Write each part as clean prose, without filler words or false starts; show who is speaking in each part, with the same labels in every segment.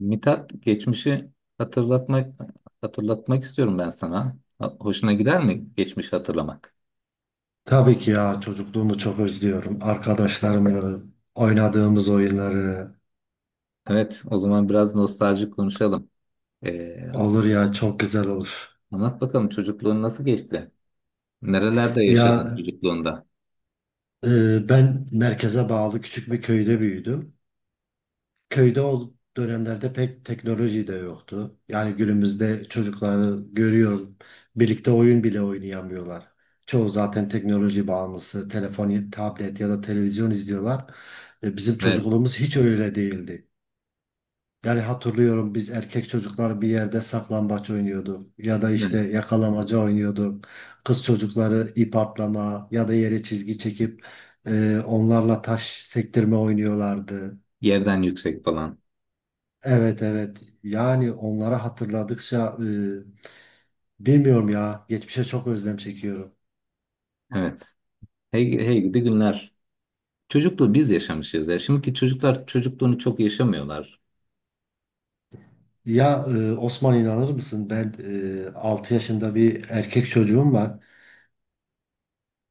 Speaker 1: Mithat geçmişi hatırlatmak hatırlatmak istiyorum ben sana. Hoşuna gider mi geçmişi hatırlamak?
Speaker 2: Tabii ki ya çocukluğumu çok özlüyorum. Arkadaşlarımı, oynadığımız oyunları
Speaker 1: Evet, o zaman biraz nostaljik konuşalım. Ee,
Speaker 2: olur ya çok güzel olur.
Speaker 1: anlat bakalım çocukluğun nasıl geçti? Nerelerde yaşadın
Speaker 2: Ya
Speaker 1: çocukluğunda?
Speaker 2: Ben merkeze bağlı küçük bir köyde büyüdüm. Köyde o dönemlerde pek teknoloji de yoktu. Yani günümüzde çocukları görüyorum. Birlikte oyun bile oynayamıyorlar. Çoğu zaten teknoloji bağımlısı, telefon, tablet ya da televizyon izliyorlar. Bizim
Speaker 1: Evet,
Speaker 2: çocukluğumuz hiç öyle değildi. Yani hatırlıyorum biz erkek çocuklar bir yerde saklambaç oynuyorduk ya da
Speaker 1: yani
Speaker 2: işte yakalamaca oynuyorduk. Kız çocukları ip atlama ya da yere çizgi çekip onlarla taş sektirme oynuyorlardı.
Speaker 1: yerden yüksek falan.
Speaker 2: Evet evet, yani onları hatırladıkça bilmiyorum ya, geçmişe çok özlem çekiyorum.
Speaker 1: Evet. Hey, hey gidi günler. Çocukluğu biz yaşamışız ya. Şimdiki çocuklar çocukluğunu çok yaşamıyorlar.
Speaker 2: Osman, inanır mısın ben 6 yaşında bir erkek çocuğum var.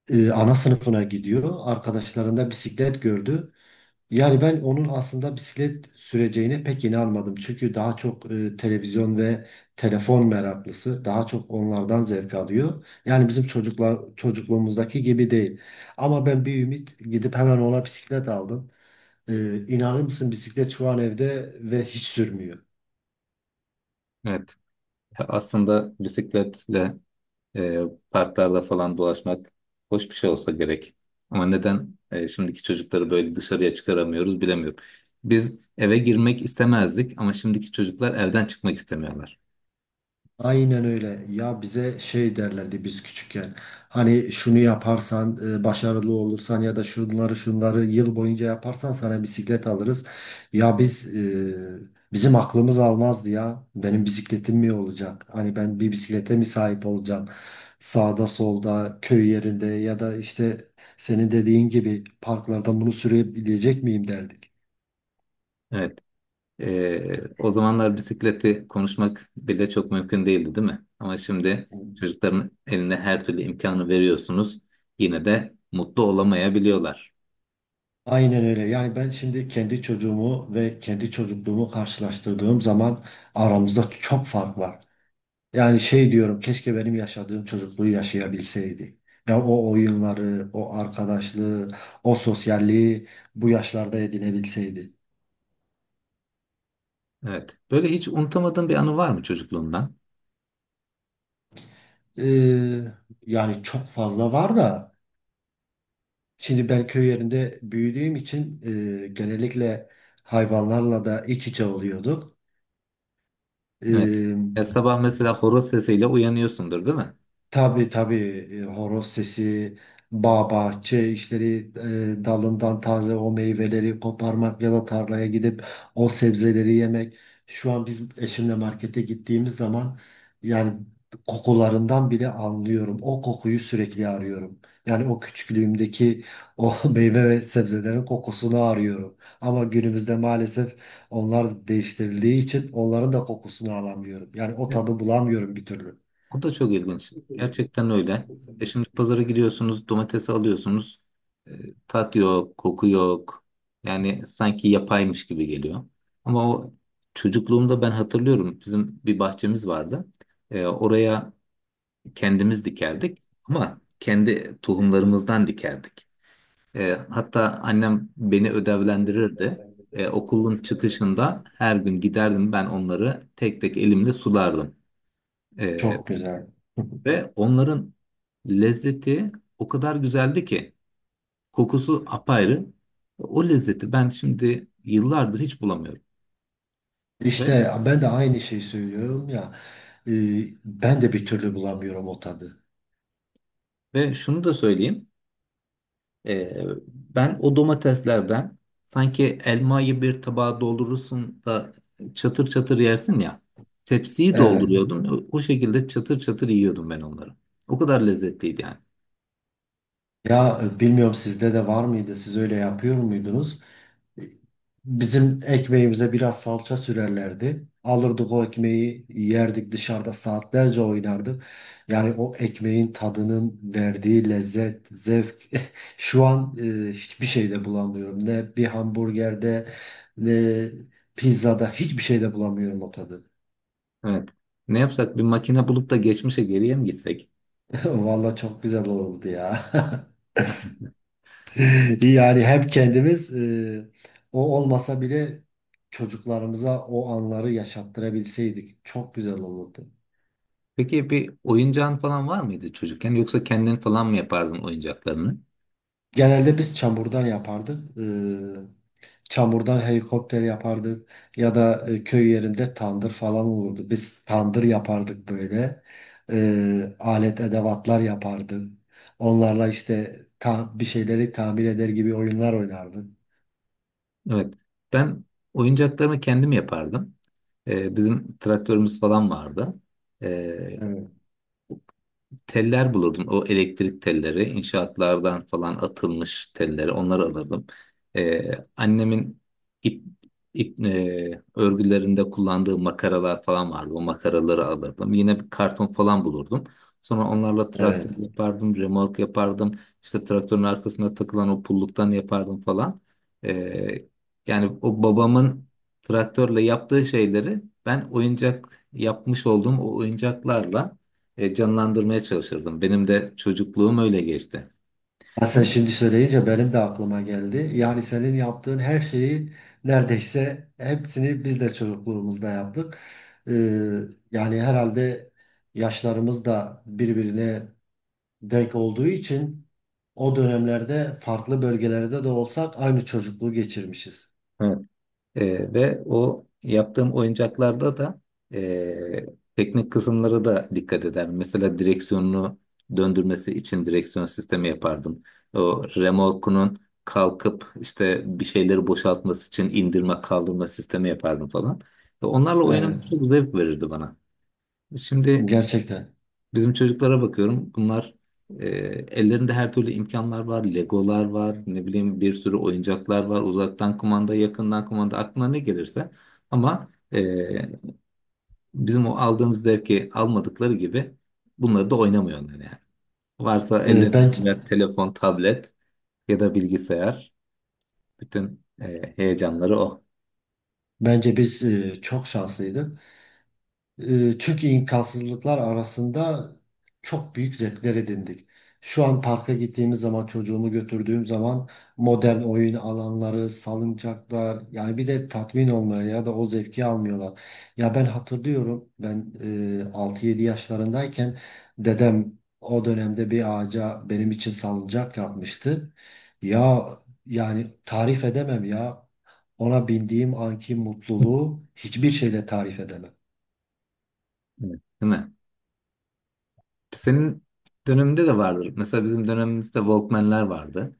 Speaker 2: Ana sınıfına gidiyor, arkadaşlarında bisiklet gördü. Yani ben onun aslında bisiklet süreceğine pek inanmadım. Çünkü daha çok televizyon ve telefon meraklısı. Daha çok onlardan zevk alıyor. Yani bizim çocuklar çocukluğumuzdaki gibi değil. Ama ben bir ümit gidip hemen ona bisiklet aldım. İnanır mısın, bisiklet şu an evde ve hiç sürmüyor.
Speaker 1: Evet. Aslında bisikletle E, parklarda falan dolaşmak hoş bir şey olsa gerek. Ama neden şimdiki çocukları böyle dışarıya çıkaramıyoruz bilemiyorum. Biz eve girmek istemezdik ama şimdiki çocuklar evden çıkmak istemiyorlar.
Speaker 2: Aynen öyle. Ya bize şey derlerdi biz küçükken. Hani şunu yaparsan, başarılı olursan ya da şunları şunları yıl boyunca yaparsan sana bisiklet alırız. Ya biz bizim aklımız almazdı ya. Benim bisikletim mi olacak? Hani ben bir bisiklete mi sahip olacağım? Sağda solda köy yerinde ya da işte senin dediğin gibi parklarda bunu sürebilecek miyim derdik.
Speaker 1: Evet. O zamanlar bisikleti konuşmak bile çok mümkün değildi, değil mi? Ama şimdi çocukların eline her türlü imkanı veriyorsunuz. Yine de mutlu olamayabiliyorlar.
Speaker 2: Aynen öyle. Yani ben şimdi kendi çocuğumu ve kendi çocukluğumu karşılaştırdığım zaman aramızda çok fark var. Yani şey diyorum, keşke benim yaşadığım çocukluğu yaşayabilseydi. Ya o oyunları, o arkadaşlığı, o sosyalliği bu yaşlarda edinebilseydi.
Speaker 1: Evet. Böyle hiç unutamadığın bir anı var mı çocukluğundan?
Speaker 2: Ee, Yani çok fazla var da şimdi ben köy yerinde büyüdüğüm için genellikle hayvanlarla da iç içe oluyorduk.
Speaker 1: Evet.
Speaker 2: Ee,
Speaker 1: Ya sabah mesela horoz sesiyle uyanıyorsundur, değil mi?
Speaker 2: Tabii tabii. Horoz sesi, bağ bahçe işleri, dalından taze o meyveleri koparmak ya da tarlaya gidip o sebzeleri yemek. Şu an biz eşimle markete gittiğimiz zaman yani kokularından bile anlıyorum. O kokuyu sürekli arıyorum. Yani o küçüklüğümdeki o meyve ve sebzelerin kokusunu arıyorum. Ama günümüzde maalesef onlar değiştirildiği için onların da kokusunu alamıyorum. Yani o tadı bulamıyorum bir türlü.
Speaker 1: O da çok ilginç. Gerçekten öyle. E şimdi pazara gidiyorsunuz, domatesi alıyorsunuz. E, tat yok, koku yok. Yani sanki yapaymış gibi geliyor. Ama o çocukluğumda ben hatırlıyorum. Bizim bir bahçemiz vardı. E, oraya kendimiz dikerdik. Ama kendi tohumlarımızdan dikerdik. E, hatta annem beni ödevlendirirdi. E, okulun çıkışında her gün giderdim ben onları tek tek elimle sulardım. E,
Speaker 2: Çok güzel.
Speaker 1: ve onların lezzeti o kadar güzeldi ki kokusu apayrı. O lezzeti ben şimdi yıllardır hiç bulamıyorum. Ve,
Speaker 2: İşte ben de aynı şeyi söylüyorum ya. e, Ben de bir türlü bulamıyorum o tadı.
Speaker 1: ve şunu da söyleyeyim. Ben o domateslerden sanki elmayı bir tabağa doldurursun da çatır çatır yersin ya. Tepsiyi
Speaker 2: Evet.
Speaker 1: dolduruyordum. O, o şekilde çatır çatır yiyordum ben onları. O kadar lezzetliydi yani.
Speaker 2: Bilmiyorum, sizde de var mıydı? Siz öyle yapıyor muydunuz? Bizim ekmeğimize biraz salça sürerlerdi. Alırdık o ekmeği, yerdik, dışarıda saatlerce oynardık. Yani o ekmeğin tadının verdiği lezzet, zevk şu an hiçbir şeyde bulamıyorum. Ne bir hamburgerde ne pizzada, hiçbir şeyde bulamıyorum o tadı.
Speaker 1: Evet. Ne yapsak bir makine bulup da geçmişe geriye mi gitsek?
Speaker 2: Vallahi çok güzel oldu ya. Yani hem kendimiz, o olmasa bile çocuklarımıza o anları yaşattırabilseydik çok güzel olurdu.
Speaker 1: Peki bir oyuncağın falan var mıydı çocukken yoksa kendin falan mı yapardın oyuncaklarını?
Speaker 2: Genelde biz çamurdan yapardık. E, çamurdan helikopter yapardık ya da köy yerinde tandır falan olurdu. Biz tandır yapardık böyle. E, alet edevatlar yapardık. Onlarla işte bir şeyleri tamir eder gibi oyunlar oynardık.
Speaker 1: Evet. Ben Oyuncaklarımı kendim yapardım. Bizim traktörümüz falan vardı. Ee,
Speaker 2: Evet.
Speaker 1: Teller bulurdum. O elektrik telleri, inşaatlardan falan atılmış telleri, onları alırdım. Annemin ip, ip örgülerinde kullandığı makaralar falan vardı. O makaraları alırdım. Yine bir karton falan bulurdum. Sonra onlarla traktör
Speaker 2: Evet.
Speaker 1: yapardım, remork yapardım. İşte traktörün arkasına takılan o pulluktan yapardım falan. Ee, Yani o babamın traktörle yaptığı şeyleri ben oyuncak yapmış olduğum o oyuncaklarla canlandırmaya çalışırdım. Benim de çocukluğum öyle geçti.
Speaker 2: Ya sen
Speaker 1: Ama
Speaker 2: şimdi söyleyince benim de aklıma geldi. Yani senin yaptığın her şeyi neredeyse hepsini biz de çocukluğumuzda yaptık. Ee, Yani herhalde yaşlarımız da birbirine denk olduğu için o dönemlerde farklı bölgelerde de olsak aynı çocukluğu geçirmişiz.
Speaker 1: evet, ve o yaptığım oyuncaklarda da e, teknik kısımlara da dikkat ederdim. Mesela direksiyonunu döndürmesi için direksiyon sistemi yapardım. O remorkunun kalkıp işte bir şeyleri boşaltması için indirme kaldırma sistemi yapardım falan. Ve onlarla
Speaker 2: Evet,
Speaker 1: oynamak çok zevk verirdi bana. Şimdi
Speaker 2: gerçekten.
Speaker 1: bizim çocuklara bakıyorum. Bunlar e, ellerinde her türlü imkanlar var. Legolar var. Ne bileyim bir sürü oyuncaklar var. Uzaktan kumanda, yakından kumanda aklına ne gelirse. Ama bizim o aldığımız zevki almadıkları gibi bunları da oynamıyorlar yani. Varsa
Speaker 2: Ee,
Speaker 1: ellerinde
Speaker 2: ben
Speaker 1: birer telefon, tablet ya da bilgisayar. Bütün heyecanları o.
Speaker 2: Bence biz çok şanslıydık. Türkiye imkansızlıklar arasında çok büyük zevkler edindik. Şu an parka gittiğimiz zaman, çocuğumu götürdüğüm zaman modern oyun alanları, salıncaklar, yani bir de tatmin olmuyor ya da o zevki almıyorlar. Ya ben hatırlıyorum, ben 6-7 yaşlarındayken dedem o dönemde bir ağaca benim için salıncak yapmıştı. Ya yani tarif edemem ya, ona bindiğim anki mutluluğu hiçbir şeyle tarif edemem.
Speaker 1: Evet. Değil mi? Senin döneminde de vardır. Mesela bizim dönemimizde Walkman'ler vardı.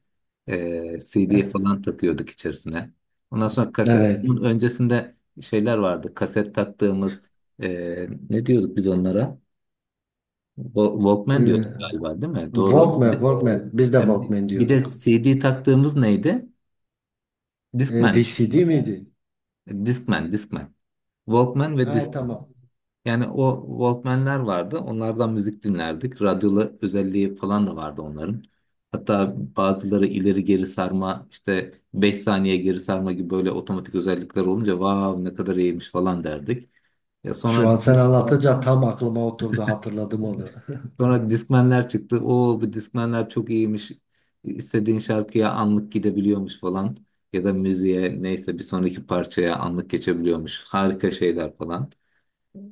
Speaker 1: CD falan takıyorduk içerisine. Ondan sonra kaset,
Speaker 2: Evet.
Speaker 1: bunun öncesinde şeyler vardı. Kaset taktığımız ne diyorduk biz onlara? Walkman
Speaker 2: Ee,
Speaker 1: diyorduk galiba değil mi? Doğru.
Speaker 2: Walkman,
Speaker 1: Bir,
Speaker 2: Walkman. Biz de
Speaker 1: yani
Speaker 2: Walkman
Speaker 1: bir de
Speaker 2: diyorduk.
Speaker 1: CD taktığımız neydi? Discman miydi
Speaker 2: VCD
Speaker 1: bu?
Speaker 2: miydi?
Speaker 1: Discman, Discman. Walkman ve
Speaker 2: Ha,
Speaker 1: Discman.
Speaker 2: tamam.
Speaker 1: Yani o Walkman'ler vardı. Onlardan müzik dinlerdik. Radyolu özelliği falan da vardı onların. Hatta bazıları ileri geri sarma işte 5 saniye geri sarma gibi böyle otomatik özellikler olunca vav ne kadar iyiymiş falan derdik. Ya
Speaker 2: Şu
Speaker 1: sonra
Speaker 2: an sen anlatınca tam aklıma oturdu, hatırladım onu.
Speaker 1: sonra Discman'ler çıktı. O bu Discman'ler çok iyiymiş. İstediğin şarkıya anlık gidebiliyormuş falan. Ya da müziğe neyse bir sonraki parçaya anlık geçebiliyormuş. Harika şeyler falan.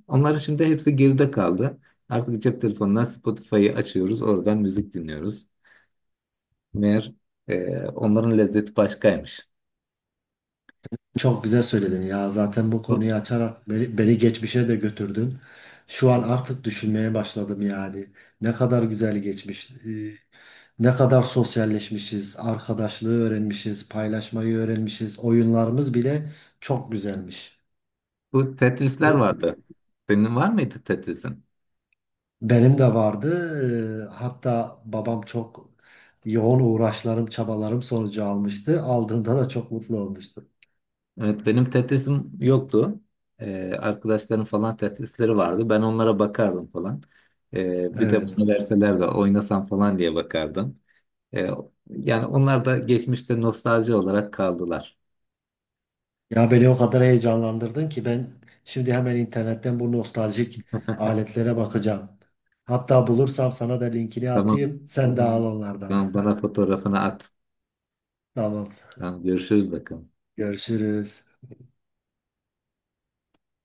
Speaker 1: Onlar şimdi hepsi geride kaldı. Artık cep telefonundan Spotify'ı açıyoruz, oradan müzik dinliyoruz. Meğer onların lezzeti başkaymış.
Speaker 2: Çok güzel söyledin ya. Zaten bu konuyu
Speaker 1: Bu,
Speaker 2: açarak beni geçmişe de götürdün. Şu an artık düşünmeye başladım yani. Ne kadar güzel geçmiş. Ne kadar sosyalleşmişiz, arkadaşlığı öğrenmişiz, paylaşmayı öğrenmişiz. Oyunlarımız bile çok güzelmiş.
Speaker 1: bu Tetris'ler vardı. Senin var mıydı Tetris'in?
Speaker 2: Benim de vardı. Hatta babam çok yoğun uğraşlarım, çabalarım sonucu almıştı. Aldığında da çok mutlu olmuştu.
Speaker 1: Evet, benim Tetris'im yoktu. E, arkadaşlarım falan Tetris'leri vardı. Ben onlara bakardım falan. E, bir de
Speaker 2: Evet.
Speaker 1: bana verseler de oynasam falan diye bakardım. E, Yani onlar da geçmişte nostalji olarak kaldılar.
Speaker 2: Ya beni o kadar heyecanlandırdın ki ben şimdi hemen internetten bu nostaljik aletlere bakacağım. Hatta bulursam sana da linkini
Speaker 1: Tamam,
Speaker 2: atayım. Sen de al. Tamam, onlardan.
Speaker 1: tamam bana fotoğrafını at.
Speaker 2: Tamam.
Speaker 1: Tamam görüşürüz bakalım.
Speaker 2: Görüşürüz.